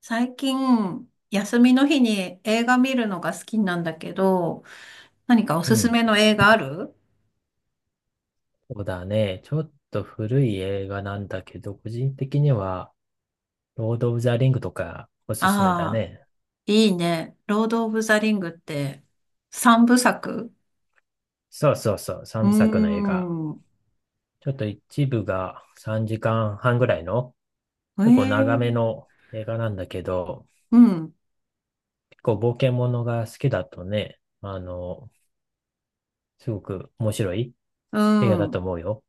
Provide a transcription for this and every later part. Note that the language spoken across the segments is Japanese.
最近、休みの日に映画見るのが好きなんだけど、何かおすうすん。めの映画ある？そうだね。ちょっと古い映画なんだけど、個人的には、ロード・オブ・ザ・リングとかおすすめだああね。ー、いいね。ロード・オブ・ザ・リングって三部作？そうそうそう、う三ー部作の映画。ん。ちょっと一部が3時間半ぐらいの、え結構長めえ、の映画なんだけど、うん、結構冒険ものが好きだとね、すごく面白いう映画だとん。思うよ。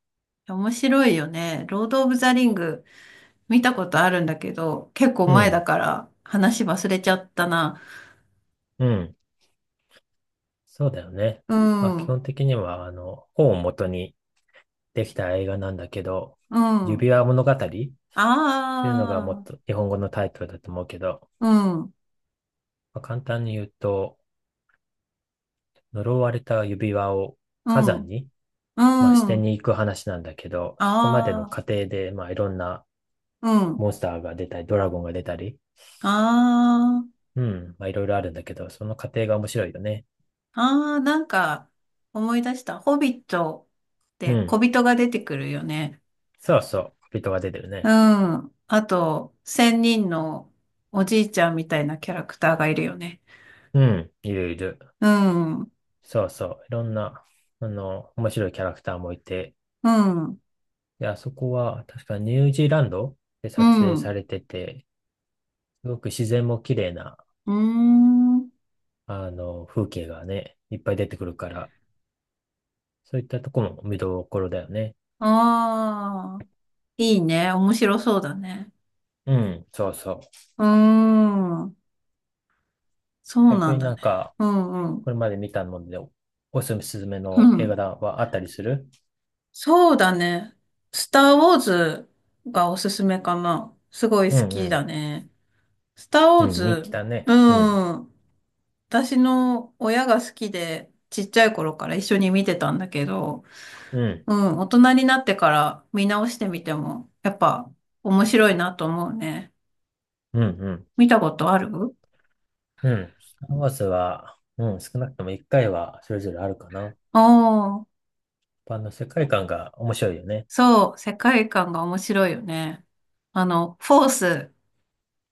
面白いよね。ロード・オブ・ザ・リング見たことあるんだけど、結構う前だん、から話忘れちゃったな。うん。そうだよね。うまあ基ん、う本的には、本を元にできた映画なんだけど、ん。指輪物語っていうのがもっあとあ、日本語のタイトルだと思うけど、うん、まあ、簡単に言うと、呪われた指輪をう火山ん、に、まあ、しうてん。に行く話なんだけど、そこまでのあ過あ、程で、まあ、いろんなうん。モンスターが出たり、ドラゴンが出たり、あうん、まあ、いろいろあるんだけど、その過程が面白いよね。あ、ああ、なんか思い出した。ホビットっうて小ん、人が出てくるよね。そうそう、小人が出てるうね。ん。あと、千人のおじいちゃんみたいなキャラクターがいるよね。うん、いるいる。うん。うそうそう、いろんな、面白いキャラクターもいて、ん。で、あそこは確かニュージーランドでう撮影ん。されてて、すごく自然も綺麗なーん。風景がね、いっぱい出てくるから、そういったとこも見どころだよね。ああ、いいね。面白そうだね。うん、そうそう。うーん。そう逆なんにだなんね。か、うんうん。これまで見たので、おすすめうの映画ん。だはあったりするそうだね。スター・ウォーズがおすすめかな。すごいう好んきうだん。ね。スター・ウうォーん、人気ズ、だうね。うん、ん。私の親が好きで、ちっちゃい頃から一緒に見てたんだけど、うん、うん、大人になってから見直してみても、やっぱ面白いなと思うね。うん、うん。見たことある？うん。スター・ウォーズは、うん、少なくとも一回はそれぞれあるかな。おー、一般の世界観が面白いよね。そう、世界観が面白いよね。フォース、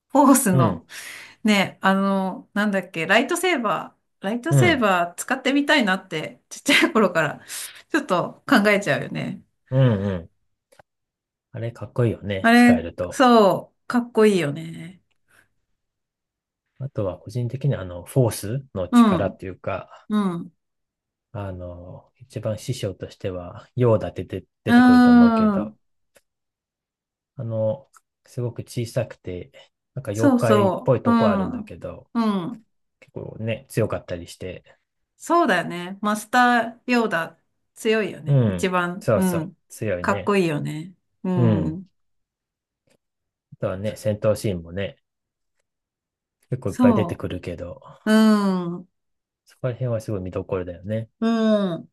フォースうのん、ね、あの、なんだっけ、ライトセーバー、ライトうセーん、バー使ってみたいなって、ちっちゃい頃からちょっと考えちゃうよね。うん、うん。あれかっこいいよあね、使えれ、ると。そう、かっこいいよね。あとは個人的にフォースのう力っん、ていうか、うん、一番師匠としては、ヨーダって出てう出ーてくると思うけん、ど、あの、すごく小さくて、なんかそ妖う怪っそぽいう、うとこあるんん、だけど、うん、結構ね、強かったりして、そうだよね。マスターヨーダ強いようね。一ん、番、そううそう、ん、強いかっこね。いいよね。ううん。ん、あとはね、戦闘シーンもね、結構いっぱい出てそくるけど、う、うん、そこら辺はすごい見どころだよね。うん。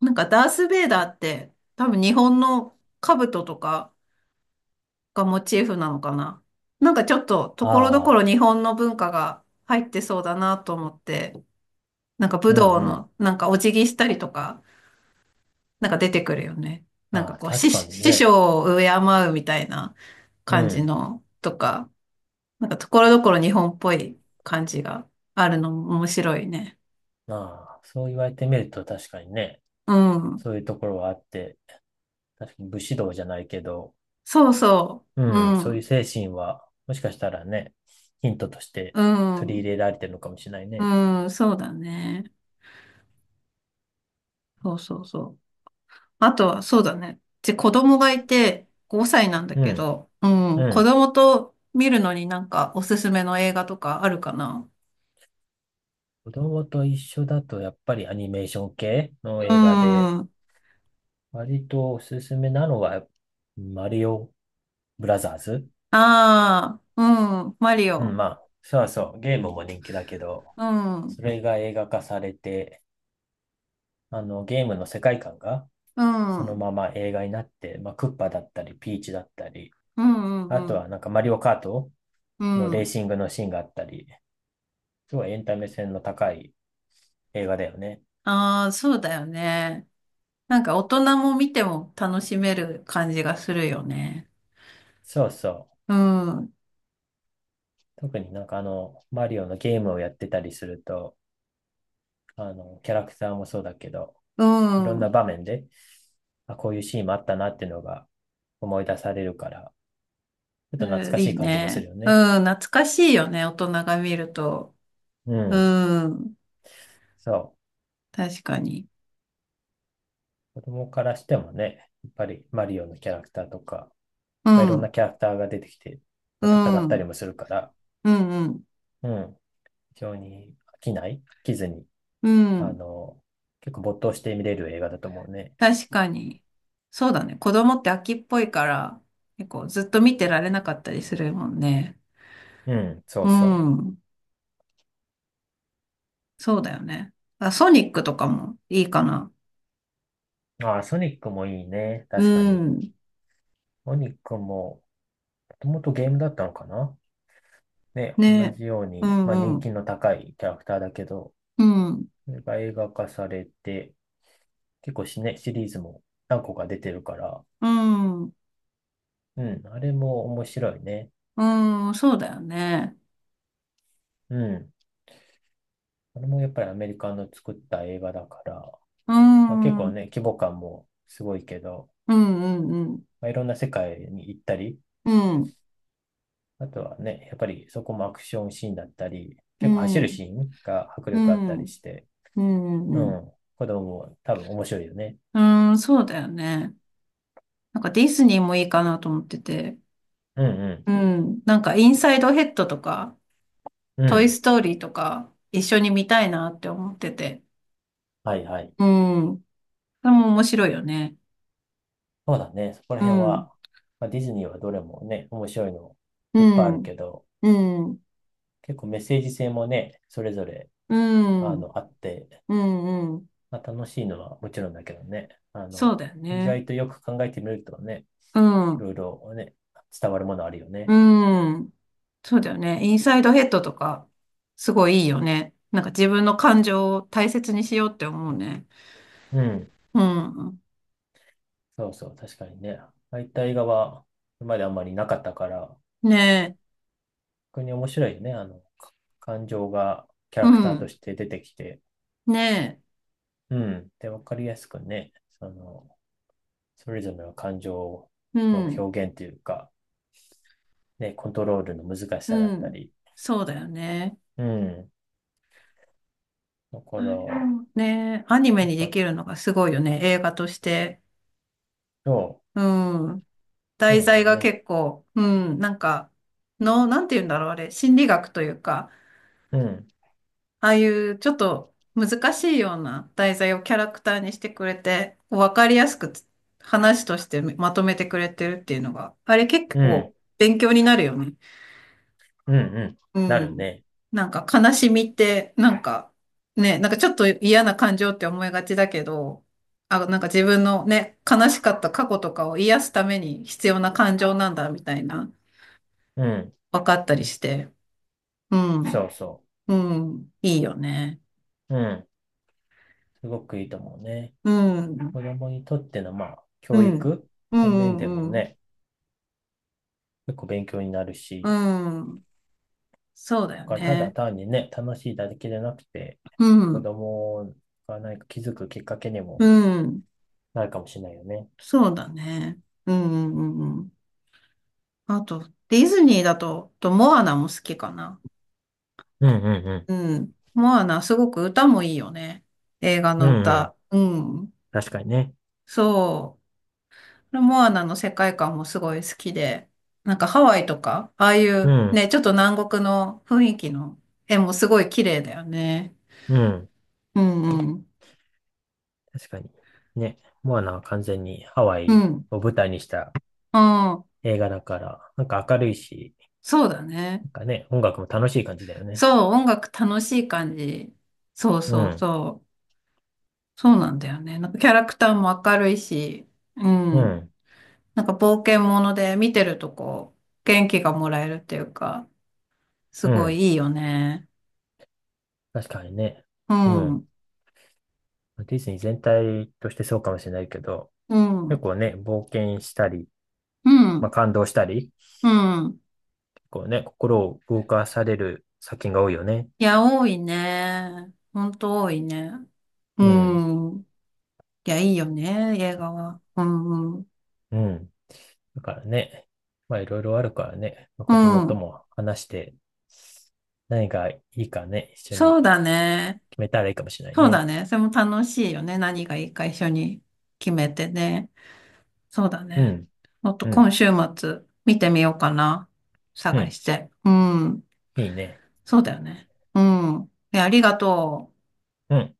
なんかダース・ベイダーって多分日本の兜とかがモチーフなのかな。なんかちょっとところどこああ、ろ日本の文化が入ってそうだなと思って、なんか武うん道うん。のなんかお辞儀したりとか、なんか出てくるよね。なんあかあ、こう確師、かに師ね。匠を敬うみたいなう感じん。のとか、なんかところどころ日本っぽい感じがあるのも面白いね。ああ、そう言われてみると確かにね、うん。そういうところはあって、確かに武士道じゃないけど、そうそうう。うん、そういうん。精神は、もしかしたらね、ヒントとしてう取りん。入れられてるのかもしれないね。うん。そうだね。そうそうそう。あとは、そうだね。で、子供がいて5歳なんだうけん、ど、ううん、子ん。供と見るのになんかおすすめの映画とかあるかな？子供と一緒だと、やっぱりアニメーション系うの映画で、ん。あ割とおすすめなのは、マリオブラザーズ。あ、うん、マリうん、オ。まあ、そうそう、ゲームも人気だけど、うん、うん、それが映画化されて、ゲームの世界観が、うそのん、まま映画になって、まあ、クッパだったり、ピーチだったり、うん、うあとはん。なんかマリオカートうのレーん、シングのシーンがあったり、すごいエンタメ性の高い映画だよね。ああ、そうだよね。なんか大人も見ても楽しめる感じがするよね。そうそうう。ん、う特になんかマリオのゲームをやってたりすると、キャラクターもそうだけど、ん、いろんうなん、場面で、あ、こういうシーンもあったなっていうのが思い出されるから、ちょっと懐かしいいい感じもするね。よね。うん、懐かしいよね、大人が見ると。うん。うん。そ確かに。う。子供からしてもね、やっぱりマリオのキャラクターとか、うまあ、いろんん、なキャラクターが出てきて、うまあ、戦っん、たうりん、もするから、うん、うん。非常に飽きずに、うあん。の、結構没頭して見れる映画だと思うね。確かに。そうだね。子供って飽きっぽいから、結構ずっと見てられなかったりするもんね。うん、そううそん、そうだよね。あ、ソニックとかもいいかな。う。ああ、ソニックもいいね。う確かに。ん、ソニックも、もともとゲームだったのかなね、同ね。じよううに、まあん、う人気ん、の高いキャラクターだけど、うん、それが映画化されて、結構シリーズも何個か出てるから、うん、うん、あれも面白いね。うん、そうだよね。うん。あれもやっぱりアメリカの作った映画だから、うまあ結ん、う構ん、ね、規模感もすごいけど、うん、うん、まあ、いろんな世界に行ったり、うん、あとはね、やっぱりそこもアクションシーンだったり、う結構走るん、シーンが迫う力あったん、りして、うん、ううん、ん、子供も多分面白いよね。うん、そうだよね。なんかディズニーもいいかなと思ってて。うんうん。なんかインサイドヘッドとか、うん、うトイん。ストーリーとか、一緒に見たいなって思ってて。はいはい。うん。それも面白いよね。そうだね。そこらう辺ん。は、まあ、ディズニーはどれもね、面白いのういっぱいあるん。けど、うん。結構メッセージ性もね、それぞれ、うん。あうって、ん。うん。まあ、楽しいのはもちろんだけどね、そうだよ意ね。外とよく考えてみるとね、ういん。ろいろね、伝わるものあるようね。ん。そうだよね。インサイドヘッドとか、すごいいいよね。なんか自分の感情を大切にしようって思うね。うん。うん。そうそう、確かにね。ああいった映画は、今まであんまりなかったから、ねえ。逆に面白いよね。感情がキャうラクターとん。して出てきて、ねうん。で、わかりやすくね、その、それぞれの感情え。うのん。表現というか、ね、コントロールの難しさだっうたん。り、そうだよね。うん。だあから、れもね、アニメなんにでか、きるのがすごいよね、映画として。そう、うん。そう題なんだ材よがね。結構、うん、なんか、の、なんて言うんだろう、あれ、心理学というか、うん、ああいうちょっと難しいような題材をキャラクターにしてくれて、こうわかりやすくつ話としてまとめてくれてるっていうのが、あれ結うん、構勉強になるよね。うん、うん。うなるん。ね。なんか悲しみって、なんかね、なんかちょっと嫌な感情って思いがちだけど、あ、なんか自分のね、悲しかった過去とかを癒すために必要な感情なんだみたいな、うん、分かったりして。うそうん。そうん。いいよね。う。うん。すごくいいと思うね。うん。子供にとっての、まあ、う教ん。育うの面んでうもんうん。ね、結構勉強になるうし、ん。そうだだよからただね。単にね、楽しいだけじゃなくて、う子ん。供が何か気づくきっかけにうもん。なるかもしれないよね。そうだね。うんうんうんうん。あと、ディズニーだと、とモアナも好きかな。うんうんうん。モアナ、すごく歌もいいよね。映画うん。のうんうん。歌。うん。確かにね。そう。モアナの世界観もすごい好きで、なんかハワイとか、ああいううん。ね、ちょっと南国の雰囲気の絵もすごい綺麗だよね。うん。うんうん。確かに。ね、モアナは完全にハワうイん。を舞台にしたうん。映画だから、なんか明るいし、そうだね。なんかね、音楽も楽しい感じだよね。そう、音楽楽しい感じ。そううそうん。そう。そうなんだよね。なんかキャラクターも明るいし、ううん。ん。なんか冒険もので見てるとこう、元気がもらえるっていうか、すうごいん。いいよね。確かにね。ううん、うん。ん、ディズニー全体としてそうかもしれないけど、う結構ね、冒険したり、ん、まあ、感動したり、うん。結構ね、心を動かされる作品が多いよね。いや、多いね。ほんと多いね。ううん、ん。いや、いいよね、映画は。うん、うん。うん。だからね、まあいろいろあるからね、まあ、う子供とん。も話して、何がいいかね、一緒にそうだね。決めたらいいかもしれないそうね。だね。それも楽しいよね。何がいいか一緒に決めてね。そうだうね。ん、もっとうん、今週末見てみようかな。う探ん。して。うん。いいね。そうだよね。うん。え、ありがとう。うん。